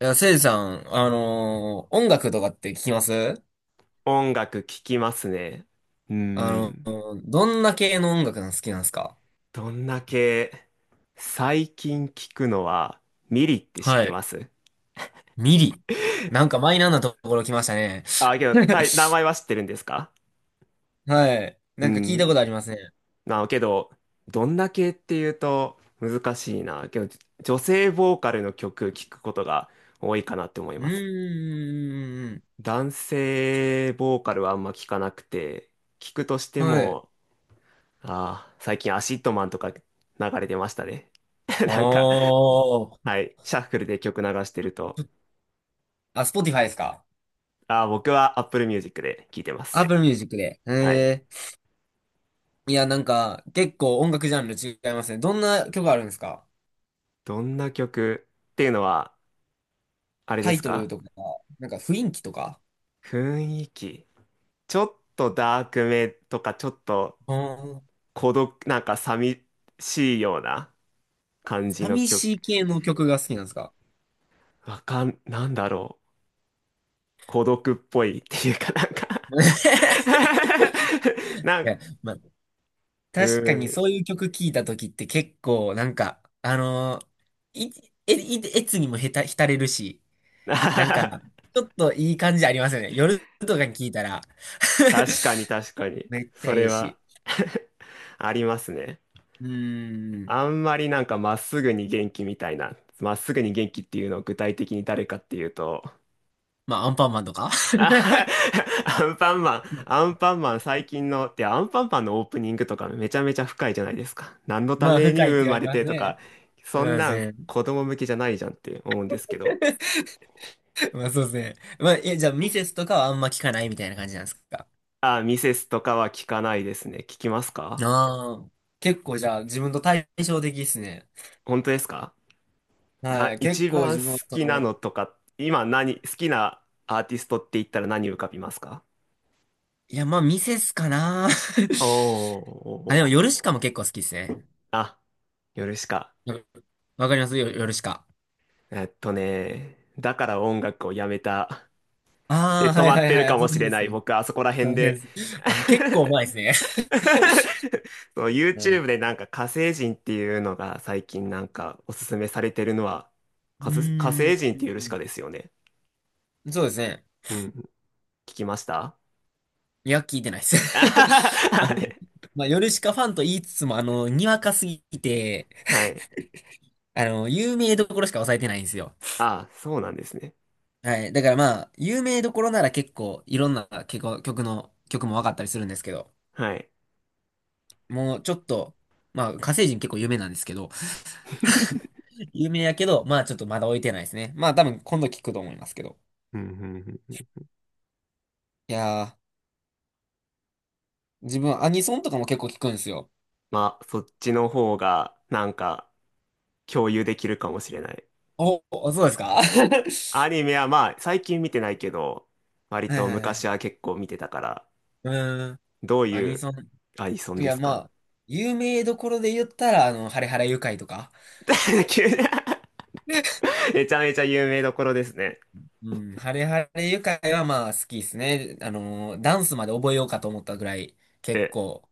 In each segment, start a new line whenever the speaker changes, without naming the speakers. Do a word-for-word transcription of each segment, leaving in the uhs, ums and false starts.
いや、せいさん、あのー音楽とかって聞きます？
音楽聴きますね。うー
あの
ん。
ーどんな系の音楽が好きなんですか？
どんだけ、最近聴くのは、ミリって知っ
は
て
い。
ます？
ミリ。なんかマイナーなところ来ましたね。
あ、けど、たい名前 は知ってるんですか？
はい。
う
なんか聞いたこ
ん。
とありますね。
なあ、けど、どんだけっていうと難しいな。けど、じ女性ボーカルの曲聞くことが多いかなって思い
う
ます。
ーん。
男性ボーカルはあんま聞かなくて、聞くとして
はい。
も、ああ、最近アシッドマンとか流れてましたね。
あ
なんか、
ー。
はい。シャッフルで曲流してると、
あ、s p ティファイですか？
あー、僕は Apple Music で聴いてま
アッ
す。
プルミュージックで。
はい。
えー。いや、なんか、結構音楽ジャンル違いますね。どんな曲あるんですか？
どんな曲っていうのは、あれで
タイ
す
トル
か？
とか、なんか雰囲気とか。
雰囲気。ちょっとダークめとか、ちょっと
あー、
孤独、なんか寂しいような感じの
寂
曲。
しい系の曲が好きなんですか？
わかん、なんだろう。孤独っぽいっていうかなんか。
い
なん、
や、まあ、
う
確かにそう
ん。
いう曲聴いた時って結構なんか、あのーい、え、い、えつにもへた、浸れるし、なんか、ちょっといい感じありますよね。夜とかに聴いたら。
確かに確か に。
めっちゃ
そ
え
れ
えし。
は ありますね。
うーん。
あんまりなんかまっすぐに元気みたいな、まっすぐに元気っていうのを具体的に誰かっていうと、
まあ、アンパンマンとか。
あ。 アンパンマン、アンパンマン最近の、ってアンパンマンのオープニングとかめちゃめちゃ深いじゃないですか。何のた
まあ、
めに
深いって
生
言わ
ま
れて
れ
ま
て
す
とか、
ね。すい
そん
ま
なん
せん。
子供向けじゃないじゃんって思うんですけど。
まあ、そうですね。まあ、え、じゃあ、ミセスとかはあんま聞かないみたいな感じなんですか？
あ、ミセスとかは聞かないですね。聞きますか？
ああ、結構じゃあ自分と対照的ですね。
本当ですか？
は
あ、
い、結
一
構
番
自分は
好
そ
きな
の、
のとか、今何、好きなアーティストって言ったら何浮かびますか？
いや、まあ、ミセスかな。
おーお ー
あ、でも、
おー。
ヨルシカも結構好きですね。
あ、夜しか。
わわかりますよ、ヨルシカ。
えっとね、だから音楽をやめた。
あ
で、
あ、
止
はい
まっ
はい
てる
は
か
い、そ
も
の
し
辺
れ
で
な
す
い。
ね。
僕、あそこら
その
辺
辺で
で。
す。あの 結構前ですね。
そう、
はい。
YouTube でなんか火星人っていうのが最近なんかおすすめされてるのは、
う
火星火
ー
星
ん。
人っ
う
ていうヨルシカ
ん、
ですよね。
そうですね。
うん。聞きました？
いや、聞いてないで す。あ
は
の、まあ、ヨルシカファンと言いつつも、あの、にわかすぎて、
い。
あの、有名どころしか抑えてないんですよ。
ああ、そうなんですね。
はい。だからまあ、有名どころなら結構いろんな結構曲の、曲も分かったりするんですけど、
はい。
もうちょっと、まあ、火星人結構有名なんですけど、有名やけど、まあちょっとまだ置いてないですね。まあ多分今度聞くと思いますけど。
うんうんうんうん。
いやー、自分アニソンとかも結構聞くんですよ。
まあ、そっちの方がなんか共有できるかもしれない。
お、おそうですか？ は
アニメはまあ、最近見てないけど、割
いは
と
いは
昔は
い。
結構見てたから、
うーん、
どう
ア
い
ニ
う
ソン。
アニソン
い
で
や
す
ま
か？
あ、有名どころで言ったら、あの、ハレハレ愉快とか。
急に めちゃめちゃ有名どころですね。
うん、ハレハレ愉快はまあ好きですね。あのー、ダンスまで覚えようかと思ったぐらい、結
え、
構、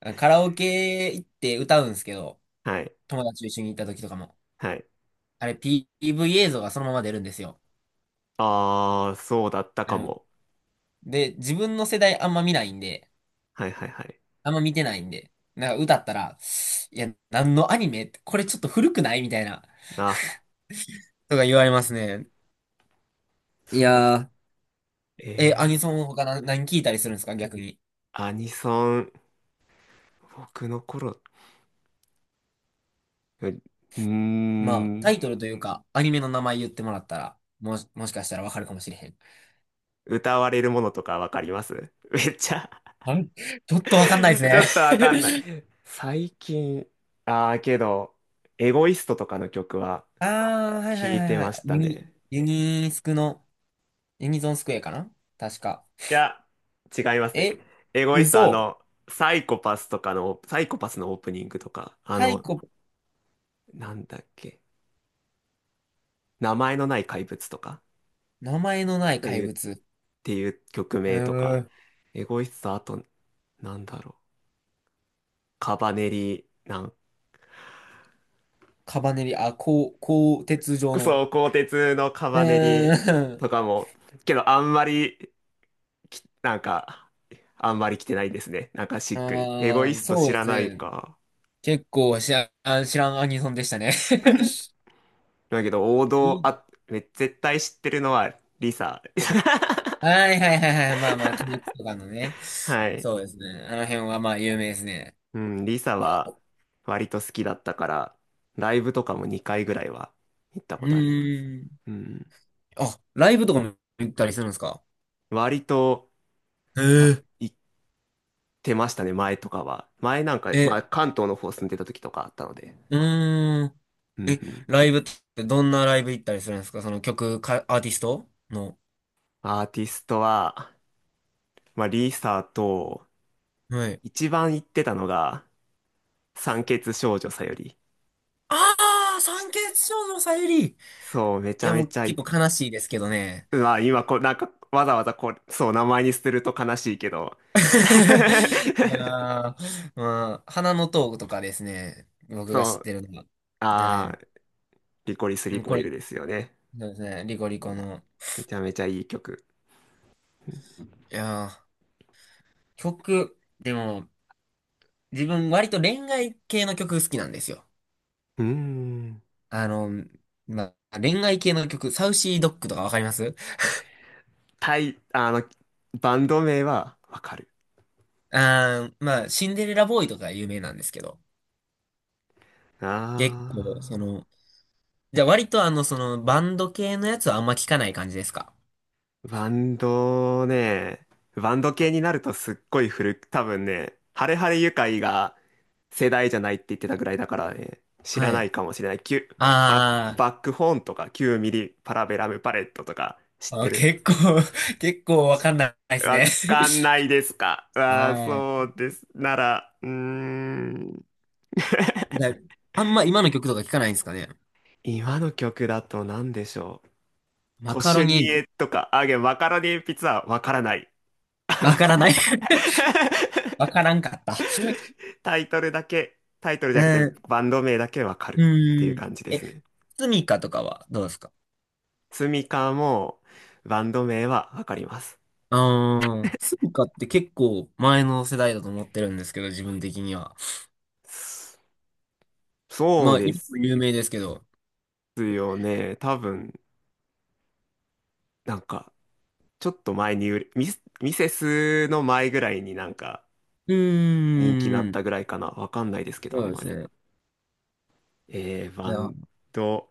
あカラオケ行って歌うんですけど、
はい、
友達と一緒に行った時とかも。
はい。
あれ、ピーブイ 映像がそのまま出るんですよ。
あー、そうだった
あ
か
の、
も。
で、自分の世代あんま見ないんで、
はいはいはい。
あんま見てないんで、なんか歌ったら、いや、何のアニメこれちょっと古くないみたいな、
あ、
とか言われますね。い
そう。
や
え
ー、え、ア
ー、
ニソン他な何聞いたりするんですか逆に。
アニソン、僕の頃、ううー
まあ、タ
ん、
イトルというか、アニメの名前言ってもらったら、もし、もしかしたらわかるかもしれへん。
歌われるものとかわかります？ めっちゃ
あれちょっとわかんない
ちょ
で
っと
す
わかんない。
ね。
最近、ああ、けど、エゴイストとかの曲は
ああ、はいは
聞
いは
い
い
て
はい。
まし
ユ
た
ニ、
ね。
ユニスクの、ユニゾンスクエアかな確か。
いや、違いますね。
え、
エゴイスト、あ
嘘。
の、サイコパスとかの、サイコパスのオープニングとか、あ
サイ
の、
コ、
なんだっけ、名前のない怪物とか
名前のな
っ
い
て
怪
いう、っ
物。
ていう曲
う
名と
ー
か、
ん。
エゴイスト、あと、なんだろう、カバネリ、なん、
カバネリ、あ、こ鋼鉄状の。
そう、鋼鉄のカ
う
バネリ
ーん。
とかも、けど、あんまりき、なんか、あんまり来てないですね。なんかし っくり。エゴイ
ああ、
スト
そう
知
で
ら
す
ない
ね。
か。
結構知らん、知らんアニソンでしたね。
だけど、王道、あ、め絶対知ってるのは、リサ。
はいはいはいはい。まあまあ、鬼滅とかのね。
はい。
そうですね。あの辺はまあ有名ですね。
うん、リサ
いや、
は、割と好きだったから、ライブとかもにかいぐらいは行った
う
ことあります。
ーん。
うん。
あ、ライブとかも行ったりするんですか？
割と、
へ
さ、
え。
行ってましたね、前とかは。前なんか、まあ、
え、
関東の方住んでた時とかあったので。
うーん。
うんうん。
ライブってどんなライブ行ったりするんですか、その曲か、アーティストの。
アーティストは、まあ、リサと、
はい。
一番行ってたのが、酸欠少女さより。
ああ、三欠少女さゆり。い
そう、めちゃ
や、も
め
う
ちゃい、
結構悲しいですけどね。
まあ今こう、なんか、わざわざこう、そう、名前にすると悲しいけど。
い やー、まあ、花の塔とかですね。僕が
そ
知っ
う、
てるのは。
あ
は
ー、リコリス・リ
い。
コ
こ
イ
れ、
ルですよね。
そうですね。リコリコの。
めちゃめちゃいい曲。
いやー、曲、でも、自分割と恋愛系の曲好きなんですよ。
うーん。
あの、まあ、恋愛系の曲、サウシードッグとかわかります？
タイ、あの、バンド名はわかる。
あー、まあ、シンデレラボーイとか有名なんですけど、
あ
結構、そ
ー。
の、じゃあ割とあの、その、バンド系のやつはあんま聞かない感じですか？
バンドね、バンド系になるとすっごい古く、多分ね、ハレハレユカイが世代じゃないって言ってたぐらいだからね、知ら
は
な
い。
いかもしれない。キュ、バッ、
あ
バックホーンとかナインミリパラベラムパレットとか知っ
ー、あ、
てる？
結構、 結構わかんないですね。
わかんないですか？ ああ、
はい。
そうです。なら、うーん。
じゃあ、あんま今の曲とか聞かないんですかね？
今の曲だと何でしょう。
マ
コ
カ
シ
ロ
ュ
ニ
ニ
エビ
エとか、あげ、マカロニえんぴつはわからない。
わ
わ
か
かん
らない。
ない。
わからんかった。
タイトルだけ、タイトルじ
え
ゃなくて
ー、
バンド名だけわか
う
るっていう
ーん。
感じで
え、
すね。
スミカとかはどうですか？
スミカもバンド名はわかります。
ああ、スミカって結構前の世代だと思ってるんですけど、自分的には。
そそう
まあ、
で
今も
す
有名ですけど。
よね。多分、なんか、ちょっと前に売れ、ミス、ミセスの前ぐらいになんか
う
人気になっ
ーん、
たぐらいかな。わかんないですけど、あ
そう
ん
で
まり。
すね。
えー、
い
バ
や、あ
ンド、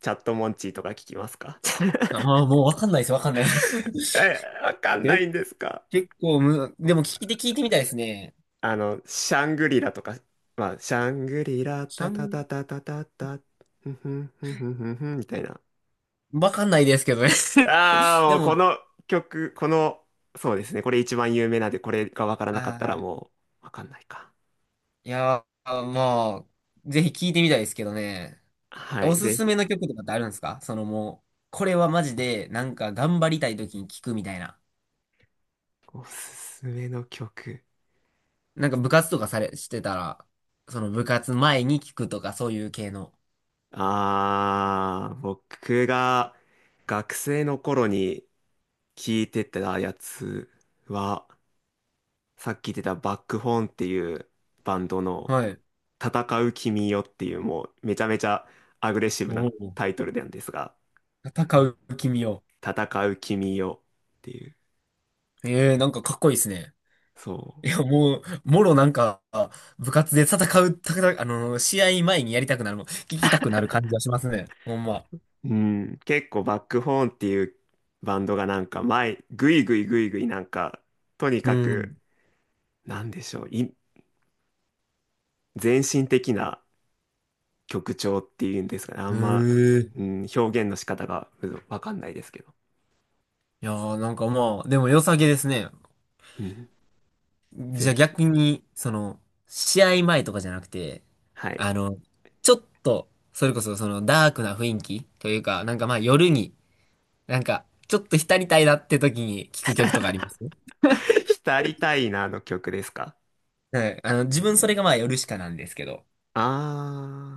チャットモンチーとか聞きますか？
あ、もうわかんないです、わかんないです。
え、わかんな
け、
いんですか？
結構む、でも聞いて聞いてみたいですね。
あの、シャングリラとか、まあ、シャングリラ、タタ
し、
タタタタタ、ふんふんふんふんふんふんみたいな。
わかんないですけどね。
ああ、も
で
うこ
も、
の曲、この、そうですね、これ一番有名なんで、これがわからなかったら
ああ、
もう、わかんないか。
いや、まあ、ぜひ聞いてみたいですけどね。
は
お
い、
す
ぜ
す
ひ。
めの曲とかってあるんですか、そのもう、これはマジで、なんか頑張りたい時に聞くみたいな。
おすすめの曲。
なんか部活とかされ、してたら、その部活前に聞くとか、そういう系の。
ああ、僕が学生の頃に聴いてたやつは、さっき言ってたバックホーンっていうバンドの
はい。
戦う君よっていうもうめちゃめちゃアグレッシブな
おお。
タイトルなんですが、う
戦
ん、
う君を。
戦う君よっていう、
ええー、なんかかっこいいですね。
そ
いや、もう、もろなんか、部活で戦う、戦う、あの、試合前にやりたくなるの、聞きたくなる感じがしますね。ほんま。
う。うん、結構バックホーンっていうバンドがなんか前、ぐいぐいぐいぐいなんか、とに
う
かく、
ん。
なんでしょう、い、全身的な曲調っていうんですかね、あんま、
え
う
え、
ん、表現の仕方がうん、わかんないですけど。
いやー、なんかまあ、でも良さげですね。
うん、ぜ
じゃあ
ひ。
逆に、その、試合前とかじゃなくて、
はい。
あの、ちょっと、それこそそのダークな雰囲気というか、なんかまあ夜に、なんか、ちょっと浸りたいなって時に聴く曲とかあります？
浸りたいなの曲ですか？
はい。あの、
う
自分それ
ん。
がまあ夜しかなんですけど、
あ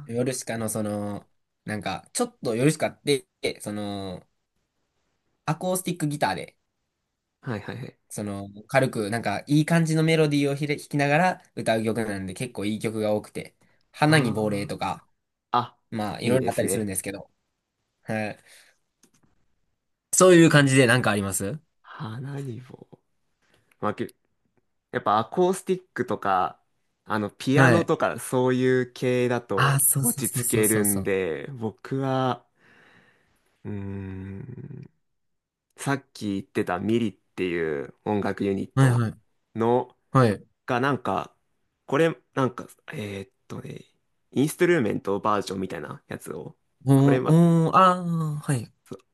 夜しかのその、なんか、ちょっと夜しかって、その、アコースティックギターで、
あー、はいはいはい。
その、軽く、なんか、いい感じのメロディーをひれ弾きながら歌う曲なんで、結構いい曲が多くて、花に亡霊
あ
とか、
あ、あ、
まあ、い
い
ろ
い
いろ
で
あった
す
りするん
ね。
ですけど、はい。そういう感じでなんかあります？
花に棒。まあ、けやっぱアコースティックとか、あの、ピア
は
ノ
い。
とか、そういう系だ
ああ、
と
そうそう
落ち
そう
着
そう
け
そ
る
うそ
ん
う。
で、僕は、うーん、さっき言ってたミリっていう音楽ユニッ
はい
ト
はい。
の、
はい。
がなんか、これ、なんか、えーっとね、インストゥルーメントバージョンみたいなやつを、
お
これ
ー、
は、
おー、ああ、はい。
そうっ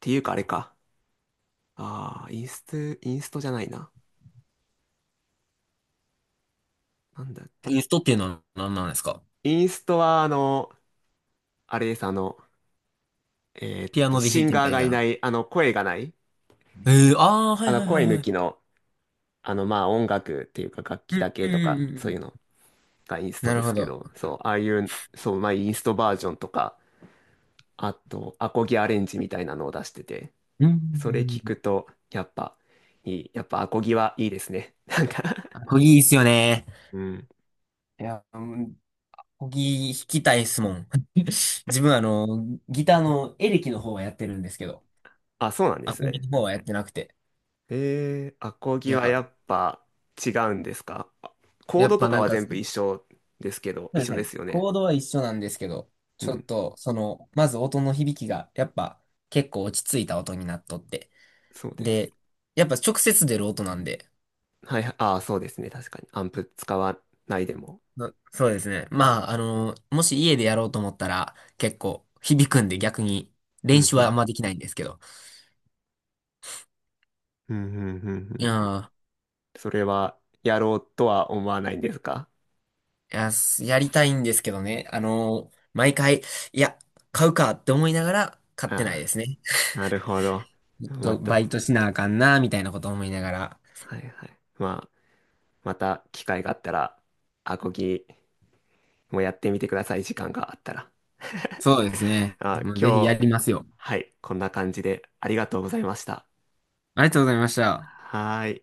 ていうかあれか。ああ、インスト、インストじゃないな。なんだ。
ユストっていうのは何なんですか？
インストは、あの、あれです、あの、えーっ
ピア
と、
ノで弾
シ
い
ン
てみ
ガー
たい
がいな
な。
い、あの、声がない、
ええー、ああ、は
あ
い
の、
はいはい
声抜
はい。
きの、あの、まあ、音楽っていうか、楽
う
器
ん、
だ
う
け
ん、う
と
ん
か、
う
そう
ん。
いうのがインスト
な
で
るほ
すけ
ど。
ど、そう、ああいう、そう、まあ、インストバージョンとか、あと、アコギアレンジみたいなのを出してて、
うん、
それ聞
う
く
ん。
と、やっぱ、いい、やっぱアコギはいいですね。なんか。
あ、コギいいっすよね。
うん。
いや、うん、コギ弾きたいっすもん。自分あの、ギターのエレキの方はやってるんですけど、
あ、そうなんで
ア
す
コギ
ね。
の方はやってなくて。
えー、アコ
い
ギは
や、
やっぱ違うんですか？あ、コー
やっ
ドと
ぱ
か
なん
は
か、
全部一緒ですけど、
そうで
一
す
緒で
ね。
すよね。
コードは一緒なんですけど、
う
ちょ
ん、
っと、その、まず音の響きが、やっぱ、結構落ち着いた音になっとって。
そうです。
で、やっぱ直接出る音なんで、
はい、ああ、そうですね。確かに。アンプ使わないでも。
な、そうですね。
うん、
まあ、あの、もし家でやろうと思ったら、結構響くんで逆に、
う
練習はあん
ん、
まできないんですけど。
うん、うん、うん、う
い
んうん。
や
それはやろうとは思わないんですか？
ー、いや、すやりたいんですけどね。あの、毎回、いや、買うかって思いながら、買ってない
あ
ですね。
あ、なるほど。
ちょっ
ま
と
た、
バイトしなあかんな、みたいなこと思いながら。
はいはい。まあ、また機会があったら、アコギもやってみてください。時間があったら。
そうですね。
あ、
もうぜひ
今
や
日、
りますよ。
はい、こんな感じでありがとうございました。
ありがとうございました。
はーい。